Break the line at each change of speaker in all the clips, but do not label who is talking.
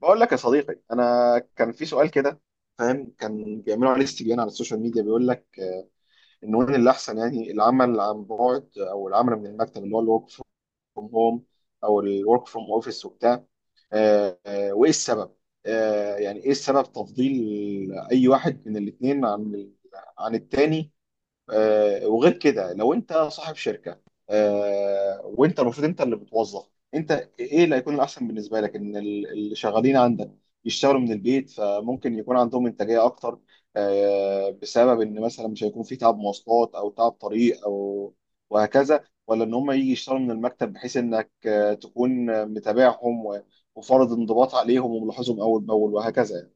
بقول لك يا صديقي، انا كان في سؤال كده. فاهم، كان بيعملوا عليه استبيان على السوشيال ميديا بيقول لك ان وين اللي احسن يعني العمل عن بعد او العمل من المكتب اللي هو الورك فروم هوم او الورك فروم اوفيس وبتاع. وايه السبب؟ يعني ايه السبب تفضيل اي واحد من الاثنين عن التاني؟ وغير كده، لو انت صاحب شركه، وانت المفروض انت اللي بتوظف، انت ايه اللي هيكون الاحسن بالنسبه لك؟ ان اللي شغالين عندك يشتغلوا من البيت، فممكن يكون عندهم انتاجيه اكتر بسبب ان مثلا مش هيكون في تعب مواصلات او تعب طريق او وهكذا، ولا ان هم يجي يشتغلوا من المكتب، بحيث انك تكون متابعهم وفرض انضباط عليهم وملاحظهم اول باول وهكذا.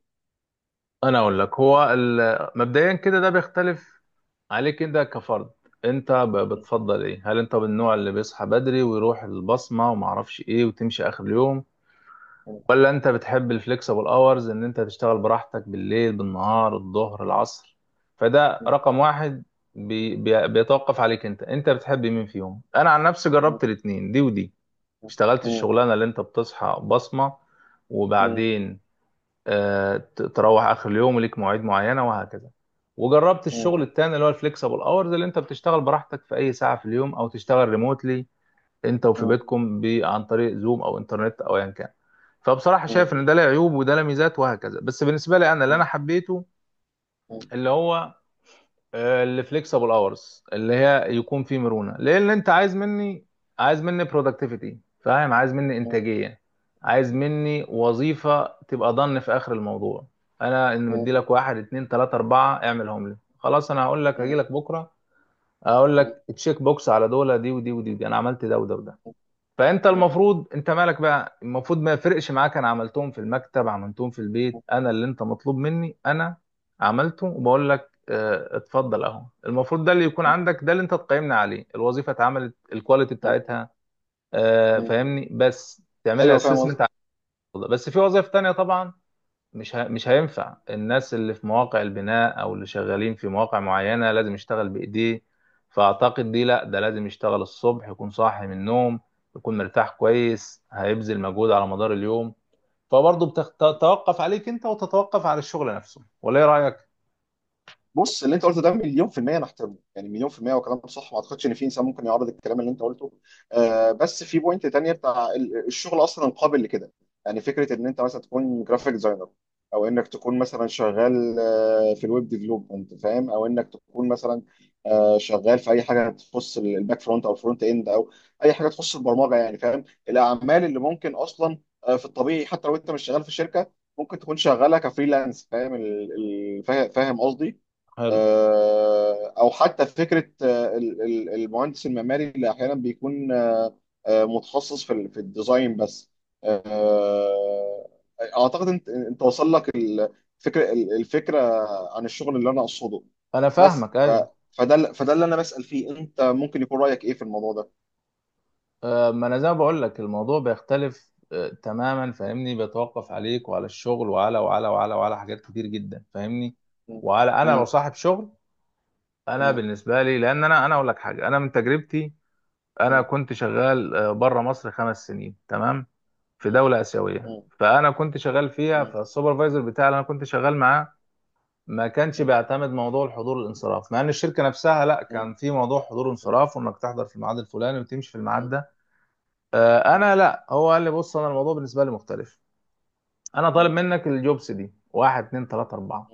انا اقول لك هو مبدئيا كده ده بيختلف عليك انت كفرد. انت بتفضل ايه؟ هل انت من النوع اللي بيصحى بدري ويروح البصمه وما اعرفش ايه وتمشي اخر اليوم، ولا انت بتحب الفليكسبل اورز ان انت تشتغل براحتك بالليل بالنهار الظهر العصر؟ فده رقم واحد. بي بي بيتوقف عليك انت بتحب مين فيهم؟ انا عن نفسي جربت الاتنين، دي ودي. اشتغلت الشغلانه اللي انت بتصحى بصمه وبعدين تروح اخر اليوم وليك مواعيد معينه وهكذا. وجربت الشغل التاني اللي هو الفليكسبل اورز، اللي انت بتشتغل براحتك في اي ساعه في اليوم او تشتغل ريموتلي انت وفي بيتكم عن طريق زوم او انترنت او ايا كان. فبصراحه
يعني.
شايف ان ده له عيوب وده له ميزات وهكذا، بس بالنسبه لي انا اللي انا
ايوه،
حبيته اللي هو اللي فليكسبل اورز، اللي هي يكون فيه مرونه. لان انت عايز مني، عايز مني برودكتيفيتي، فاهم؟ عايز مني انتاجيه، عايز مني وظيفه تبقى ضن في اخر الموضوع. انا ان مدي لك واحد اتنين تلاته اربعه، اعملهم لي خلاص. انا هقول لك هجي لك بكره، اقول لك تشيك بوكس على دول، دي ودي ودي، ودي. انا عملت ده وده وده. فانت المفروض، انت مالك بقى؟ المفروض ما يفرقش معاك انا عملتهم في المكتب عملتهم في البيت. انا اللي انت مطلوب مني انا عملته، وبقول لك اتفضل اهو. المفروض ده اللي يكون عندك، ده اللي انت تقيمنا عليه، الوظيفه اتعملت، الكواليتي بتاعتها فاهمني، بس تعمل لي ايوه
فاهم
اسسمنت.
قصدي.
بس في وظائف تانية طبعا. مش هينفع الناس اللي في مواقع البناء او اللي شغالين في مواقع معينة لازم يشتغل بايديه. فاعتقد دي لا، ده لازم يشتغل الصبح، يكون صاحي من النوم، يكون مرتاح كويس، هيبذل مجهود على مدار اليوم. فبرضه بتتوقف عليك انت، وتتوقف على الشغل نفسه. ولا ايه رأيك؟
بص، اللي انت قلته ده مليون في المية انا احترمه، يعني مليون في المية وكلام صح. ما اعتقدش ان في انسان ممكن يعارض الكلام اللي انت قلته. بس في بوينت تانية بتاع الشغل اصلا قابل لكده. يعني فكرة ان انت مثلا تكون جرافيك ديزاينر، او انك تكون مثلا شغال في الويب ديفلوبمنت، فاهم، او انك تكون مثلا شغال في اي حاجة تخص الباك فرونت او الفرونت اند او اي حاجة تخص البرمجة، يعني فاهم، الاعمال اللي ممكن اصلا في الطبيعي حتى لو انت مش شغال في شركة ممكن تكون شغالة كفريلانس، فاهم فاهم قصدي.
حلو.
او حتى فكره المهندس المعماري اللي احيانا بيكون متخصص في في الديزاين بس. آه، اعتقد انت وصل لك الفكره عن الشغل اللي انا اقصده.
انا
بس
فاهمك،
ف
ايوه.
فده فده اللي انا بسأل فيه، انت ممكن يكون رأيك ايه في الموضوع ده؟
ما انا زي ما بقول لك الموضوع بيختلف تماما، فاهمني؟ بيتوقف عليك وعلى الشغل وعلى حاجات كتير جدا، فاهمني؟
م-.
وعلى انا لو
م-.
صاحب شغل. انا
م-.
بالنسبه لي، لان انا اقول لك حاجه، انا من تجربتي: انا
م-.
كنت شغال بره مصر 5 سنين، تمام؟ في
م-.
دوله اسيويه.
م-.
فانا كنت شغال فيها،
م-.
فالسوبرفايزر بتاعي اللي انا كنت شغال معاه ما كانش
م-. م-.
بيعتمد موضوع الحضور الانصراف. مع ان الشركه نفسها لا،
م-.
كان في موضوع حضور
م-.
انصراف، وانك تحضر في الميعاد الفلاني وتمشي في
م-.
الميعاد
م-.
ده.
م-. م-.
انا لا، هو قال لي بص، انا الموضوع بالنسبه لي مختلف. انا طالب
م-.
منك الجوبس دي: واحد اتنين تلاته اربعه.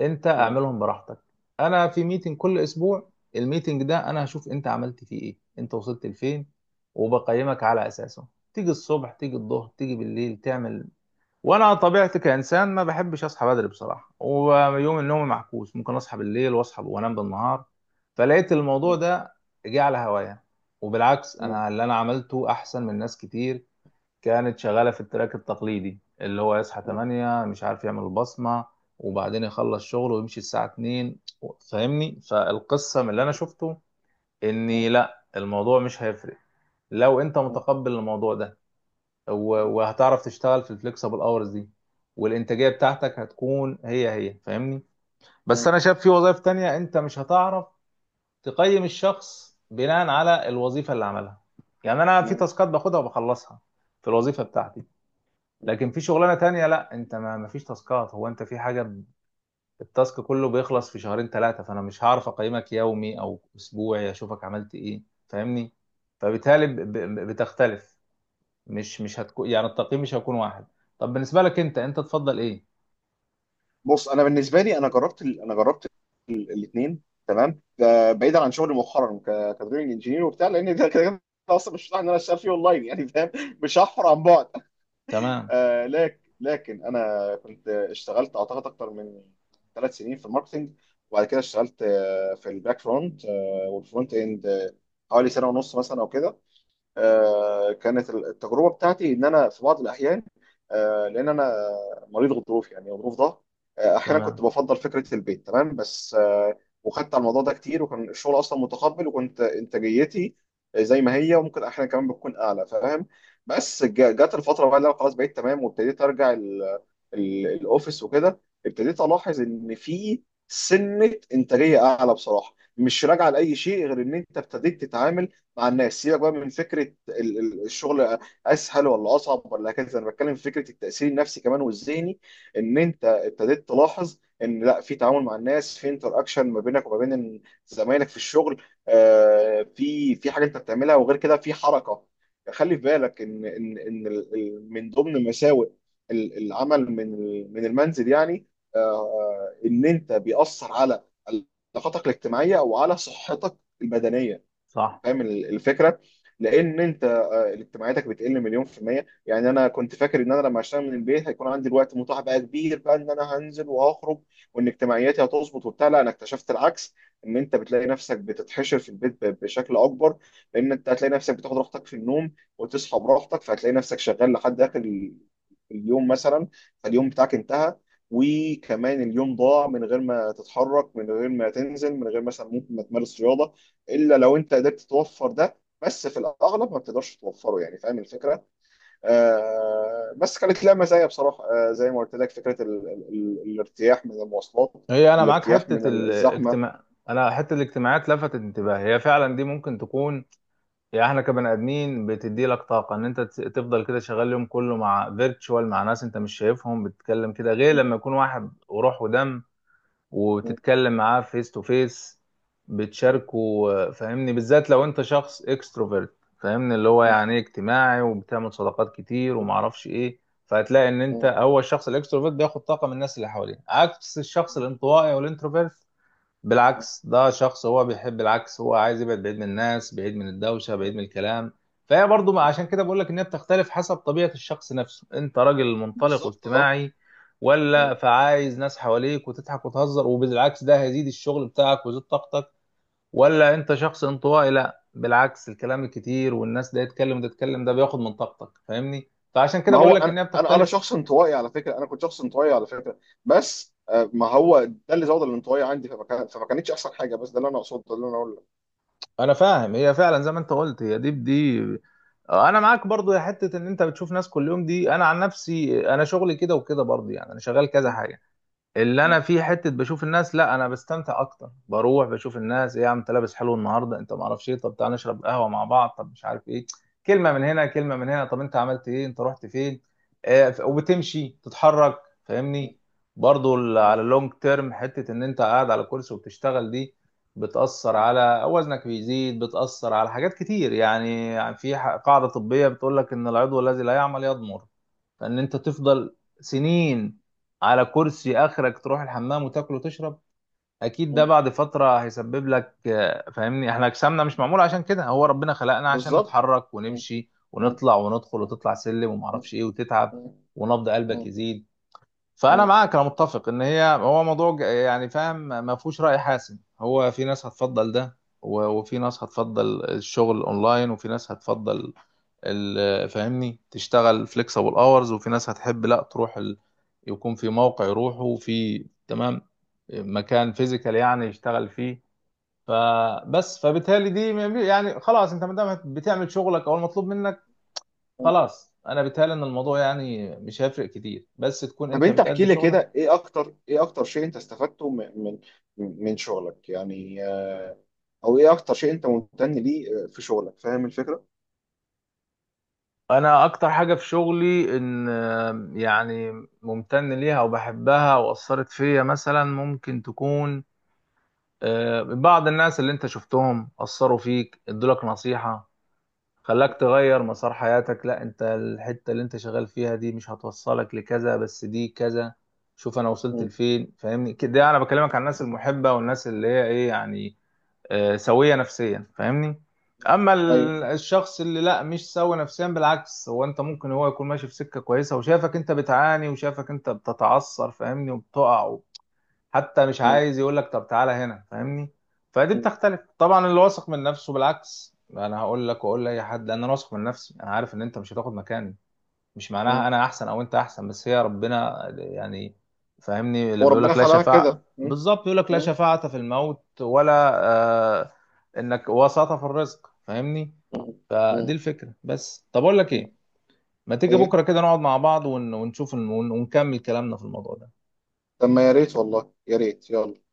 انت اعملهم براحتك. انا في ميتنج كل اسبوع، الميتنج ده انا هشوف انت عملت فيه ايه، انت وصلت لفين، وبقيمك على اساسه. تيجي الصبح، تيجي الظهر، تيجي بالليل، تعمل. وانا طبيعتي كانسان ما بحبش اصحى بدري بصراحه، ويوم النوم معكوس، ممكن اصحى بالليل واصحى وانام بالنهار. فلقيت الموضوع ده جه على هوايا. وبالعكس
م-.
انا اللي انا عملته احسن من ناس كتير كانت شغالة في التراك التقليدي، اللي هو يصحى 8 مش عارف يعمل البصمة وبعدين يخلص شغله ويمشي الساعة 2. فاهمني؟ فالقصة من اللي أنا شفته
م-.
إني لا، الموضوع مش هيفرق لو أنت
م-.
متقبل الموضوع ده، وهتعرف تشتغل في الفليكسبل اورز دي، والإنتاجية بتاعتك هتكون هي هي، فاهمني؟ بس
م-.
أنا شايف في وظائف تانية أنت مش هتعرف تقيم الشخص بناء على الوظيفة اللي عملها. يعني أنا في
مم.
تاسكات باخدها وبخلصها في الوظيفة بتاعتي،
مم.
لكن في شغلانه تانية لا، انت ما فيش تاسكات. هو انت في حاجه التاسك كله بيخلص في 2 3 شهور، فانا مش هعرف اقيمك يومي او اسبوعي اشوفك عملت ايه، فاهمني؟ فبالتالي بتختلف. مش هتكون يعني، التقييم مش هيكون واحد. طب بالنسبه لك انت، انت تفضل ايه؟
بص، انا بالنسبه لي، انا جربت الاثنين تمام، بعيدا عن شغلي مؤخرا كدرينج انجينير وبتاع، لان ده كده كده اصلا مش متاح ان انا اشتغل فيه اونلاين، يعني فاهم، مش هحفر عن بعد.
تمام.
آه، لكن انا كنت اشتغلت اعتقد اكتر من 3 سنين في الماركتنج، وبعد كده اشتغلت في الباك فرونت والفرونت اند حوالي سنه ونص مثلا او كده. كانت التجربه بتاعتي ان انا في بعض الاحيان، لان انا مريض غضروف، يعني غضروف ضغط، احيانا كنت
تمام.
بفضل فكره البيت تمام، بس وخدت على الموضوع ده كتير، وكان الشغل اصلا متقبل، وكنت انتاجيتي زي ما هي، وممكن احيانا كمان بتكون اعلى، فاهم. بس جت الفتره بقى، اللي انا خلاص بقيت تمام وابتديت ارجع الاوفيس وكده. ابتديت الاحظ ان في سنه انتاجيه اعلى، بصراحه، مش راجعه لاي شيء غير ان انت ابتديت تتعامل مع الناس. سيبك بقى من فكره الشغل اسهل ولا اصعب ولا كذا، انا بتكلم في فكره التاثير النفسي كمان والذهني، ان انت ابتديت تلاحظ ان لا، في تعامل مع الناس، في انتر اكشن ما بينك وما بين زمايلك في الشغل، في حاجه انت بتعملها، وغير كده في حركه. خلي في بالك ان من ضمن مساوئ العمل من المنزل يعني، ان انت بيأثر على علاقاتك الاجتماعيه وعلى صحتك البدنيه.
صح.
فاهم الفكره؟ لان انت اجتماعاتك بتقل مليون في الميه. يعني انا كنت فاكر ان انا لما اشتغل من البيت هيكون عندي الوقت متاح بقى كبير، بقى ان انا هنزل وهخرج، وان اجتماعياتي هتظبط وبتاع. لا، انا اكتشفت العكس، ان انت بتلاقي نفسك بتتحشر في البيت بشكل اكبر، لان انت هتلاقي نفسك بتاخد راحتك في النوم وتصحى براحتك، فهتلاقي نفسك شغال لحد اخر اليوم مثلا. فاليوم بتاعك انتهى، وكمان اليوم ضاع، من غير ما تتحرك، من غير ما تنزل، من غير مثلا ممكن ما تمارس رياضه، الا لو انت قدرت توفر ده، بس في الاغلب ما بتقدرش توفره، يعني فاهم الفكره. بس كانت لها مزايا بصراحه، زي ما قلت لك فكره ال ال ال الارتياح من المواصلات،
هي انا معاك
الارتياح من
حته
الزحمه.
الاجتماع، انا حته الاجتماعات لفتت انتباهي، هي فعلا دي ممكن تكون، يعني احنا كبني ادمين بتدي لك طاقه. ان انت تفضل كده شغال اليوم كله مع فيرتشوال، مع ناس انت مش شايفهم، بتتكلم كده غير لما يكون واحد وروح ودم وتتكلم معاه فيس تو فيس، بتشاركه. فاهمني؟ بالذات لو انت شخص اكستروفيرت، فاهمني؟ اللي هو يعني إيه، اجتماعي وبتعمل صداقات كتير ومعرفش ايه. فهتلاقي ان انت هو الشخص الاكستروفيرت بياخد طاقه من الناس اللي حواليه، عكس الشخص الانطوائي والانتروفيرت. بالعكس، ده شخص هو بيحب العكس، هو عايز يبعد بعيد من الناس، بعيد من الدوشة، بعيد من الكلام. فهي برضو عشان كده بقول لك انها بتختلف حسب طبيعة الشخص نفسه. انت راجل منطلق
بالظبط، اه.
واجتماعي ولا، فعايز ناس حواليك وتضحك وتهزر، وبالعكس ده هيزيد الشغل بتاعك ويزيد طاقتك. ولا انت شخص انطوائي، لا بالعكس، الكلام الكتير والناس ده يتكلم وده يتكلم ده بياخد من طاقتك، فاهمني؟ فعشان كده
ما هو
بقول لك
انا،
انها
انا
بتختلف.
شخص انطوائي على فكره، انا كنت شخص انطوائي على فكره، بس ما هو ده اللي زود الانطوائيه عندي، فما كانتش احسن حاجه، بس ده اللي انا اقصده، ده اللي انا
انا فاهم. هي فعلا زي ما انت قلت، هي دي بدي. انا معاك برضو يا حته ان انت بتشوف ناس كل يوم دي. انا عن نفسي انا شغلي كده وكده برضو، يعني انا شغال كذا حاجه اللي انا فيه، حته بشوف الناس. لا انا بستمتع اكتر، بروح بشوف الناس، ايه يا عم انت لابس حلو النهارده، انت ما اعرفش ايه، طب تعالى نشرب قهوه مع بعض، طب مش عارف ايه، كلمه من هنا كلمه من هنا، طب انت عملت ايه، انت رحت فين. آه وبتمشي تتحرك،
اقوله.
فاهمني؟ برضو على اللونج تيرم، حته ان انت قاعد على كرسي وبتشتغل دي، بتاثر على وزنك بيزيد، بتاثر على حاجات كتير. يعني في قاعده طبيه بتقول لك ان العضو الذي لا يعمل يضمر. فان انت تفضل سنين على كرسي اخرك تروح الحمام وتاكل وتشرب، اكيد ده بعد فتره هيسبب لك فاهمني؟ احنا جسمنا مش معمول عشان كده، هو ربنا خلقنا عشان
بالظبط.
نتحرك
م-.
ونمشي
م-.
ونطلع وندخل، وتطلع سلم
م-.
ومعرفش ايه وتتعب
م-.
ونبض قلبك
م-.
يزيد. فانا
م.
معاك، انا متفق ان هي، هو موضوع يعني فاهم ما فيهوش راي حاسم. هو في ناس هتفضل ده، وفي ناس هتفضل الشغل اونلاين، وفي ناس هتفضل فاهمني تشتغل فليكسبل اورز، وفي ناس هتحب لا تروح يكون في موقع يروحوا في، تمام؟ مكان فيزيكال يعني يشتغل فيه. فبس فبالتالي دي ما بي- يعني خلاص، انت ما دام بتعمل شغلك او المطلوب منك،
م.
خلاص انا بالتالي ان الموضوع يعني مش هيفرق كتير، بس تكون
طب،
انت
انت احكي
بتأدي
لي
شغلك.
كده، ايه اكتر شيء انت استفدته من من شغلك، يعني او ايه اكتر شيء انت ممتن ليه في شغلك؟ فاهم الفكرة؟
انا اكتر حاجة في شغلي ان يعني ممتن ليها وبحبها واثرت فيا، مثلا ممكن تكون بعض الناس اللي انت شفتهم اثروا فيك، ادولك نصيحة خلاك تغير مسار حياتك، لا انت الحتة اللي انت شغال فيها دي مش هتوصلك لكذا، بس دي كذا، شوف انا وصلت
مم.
لفين. فاهمني كده؟ انا بكلمك عن الناس المحبة والناس اللي هي ايه يعني، سوية نفسيا، فاهمني؟ اما
ايوه.
الشخص اللي لا مش سوي نفسيا، بالعكس هو، انت ممكن هو يكون ماشي في سكة كويسة وشافك انت بتعاني وشافك انت بتتعثر، فاهمني؟ وبتقع، حتى مش
مم.
عايز يقول لك طب تعالى هنا، فاهمني؟ فدي
مم.
بتختلف طبعا. اللي واثق من نفسه بالعكس، انا هقول لك واقول لاي حد ان انا واثق من نفسي، انا عارف ان انت مش هتاخد مكاني. مش معناها
مم.
انا احسن او انت احسن، بس هي ربنا يعني، فاهمني؟ اللي بيقول
وربنا
لك لا
خلقها
شفاعة،
كده. مم.
بالظبط، يقول لك لا
مم.
شفاعة في الموت، ولا آه انك وساطة في الرزق، فاهمني؟ فدي
مم.
الفكرة. بس طب اقول لك
مم.
ايه، ما تيجي
ايه،
بكرة كده نقعد مع بعض ونشوف ونكمل كلامنا في الموضوع ده.
طب ما يا ريت، والله يا ريت، يلا.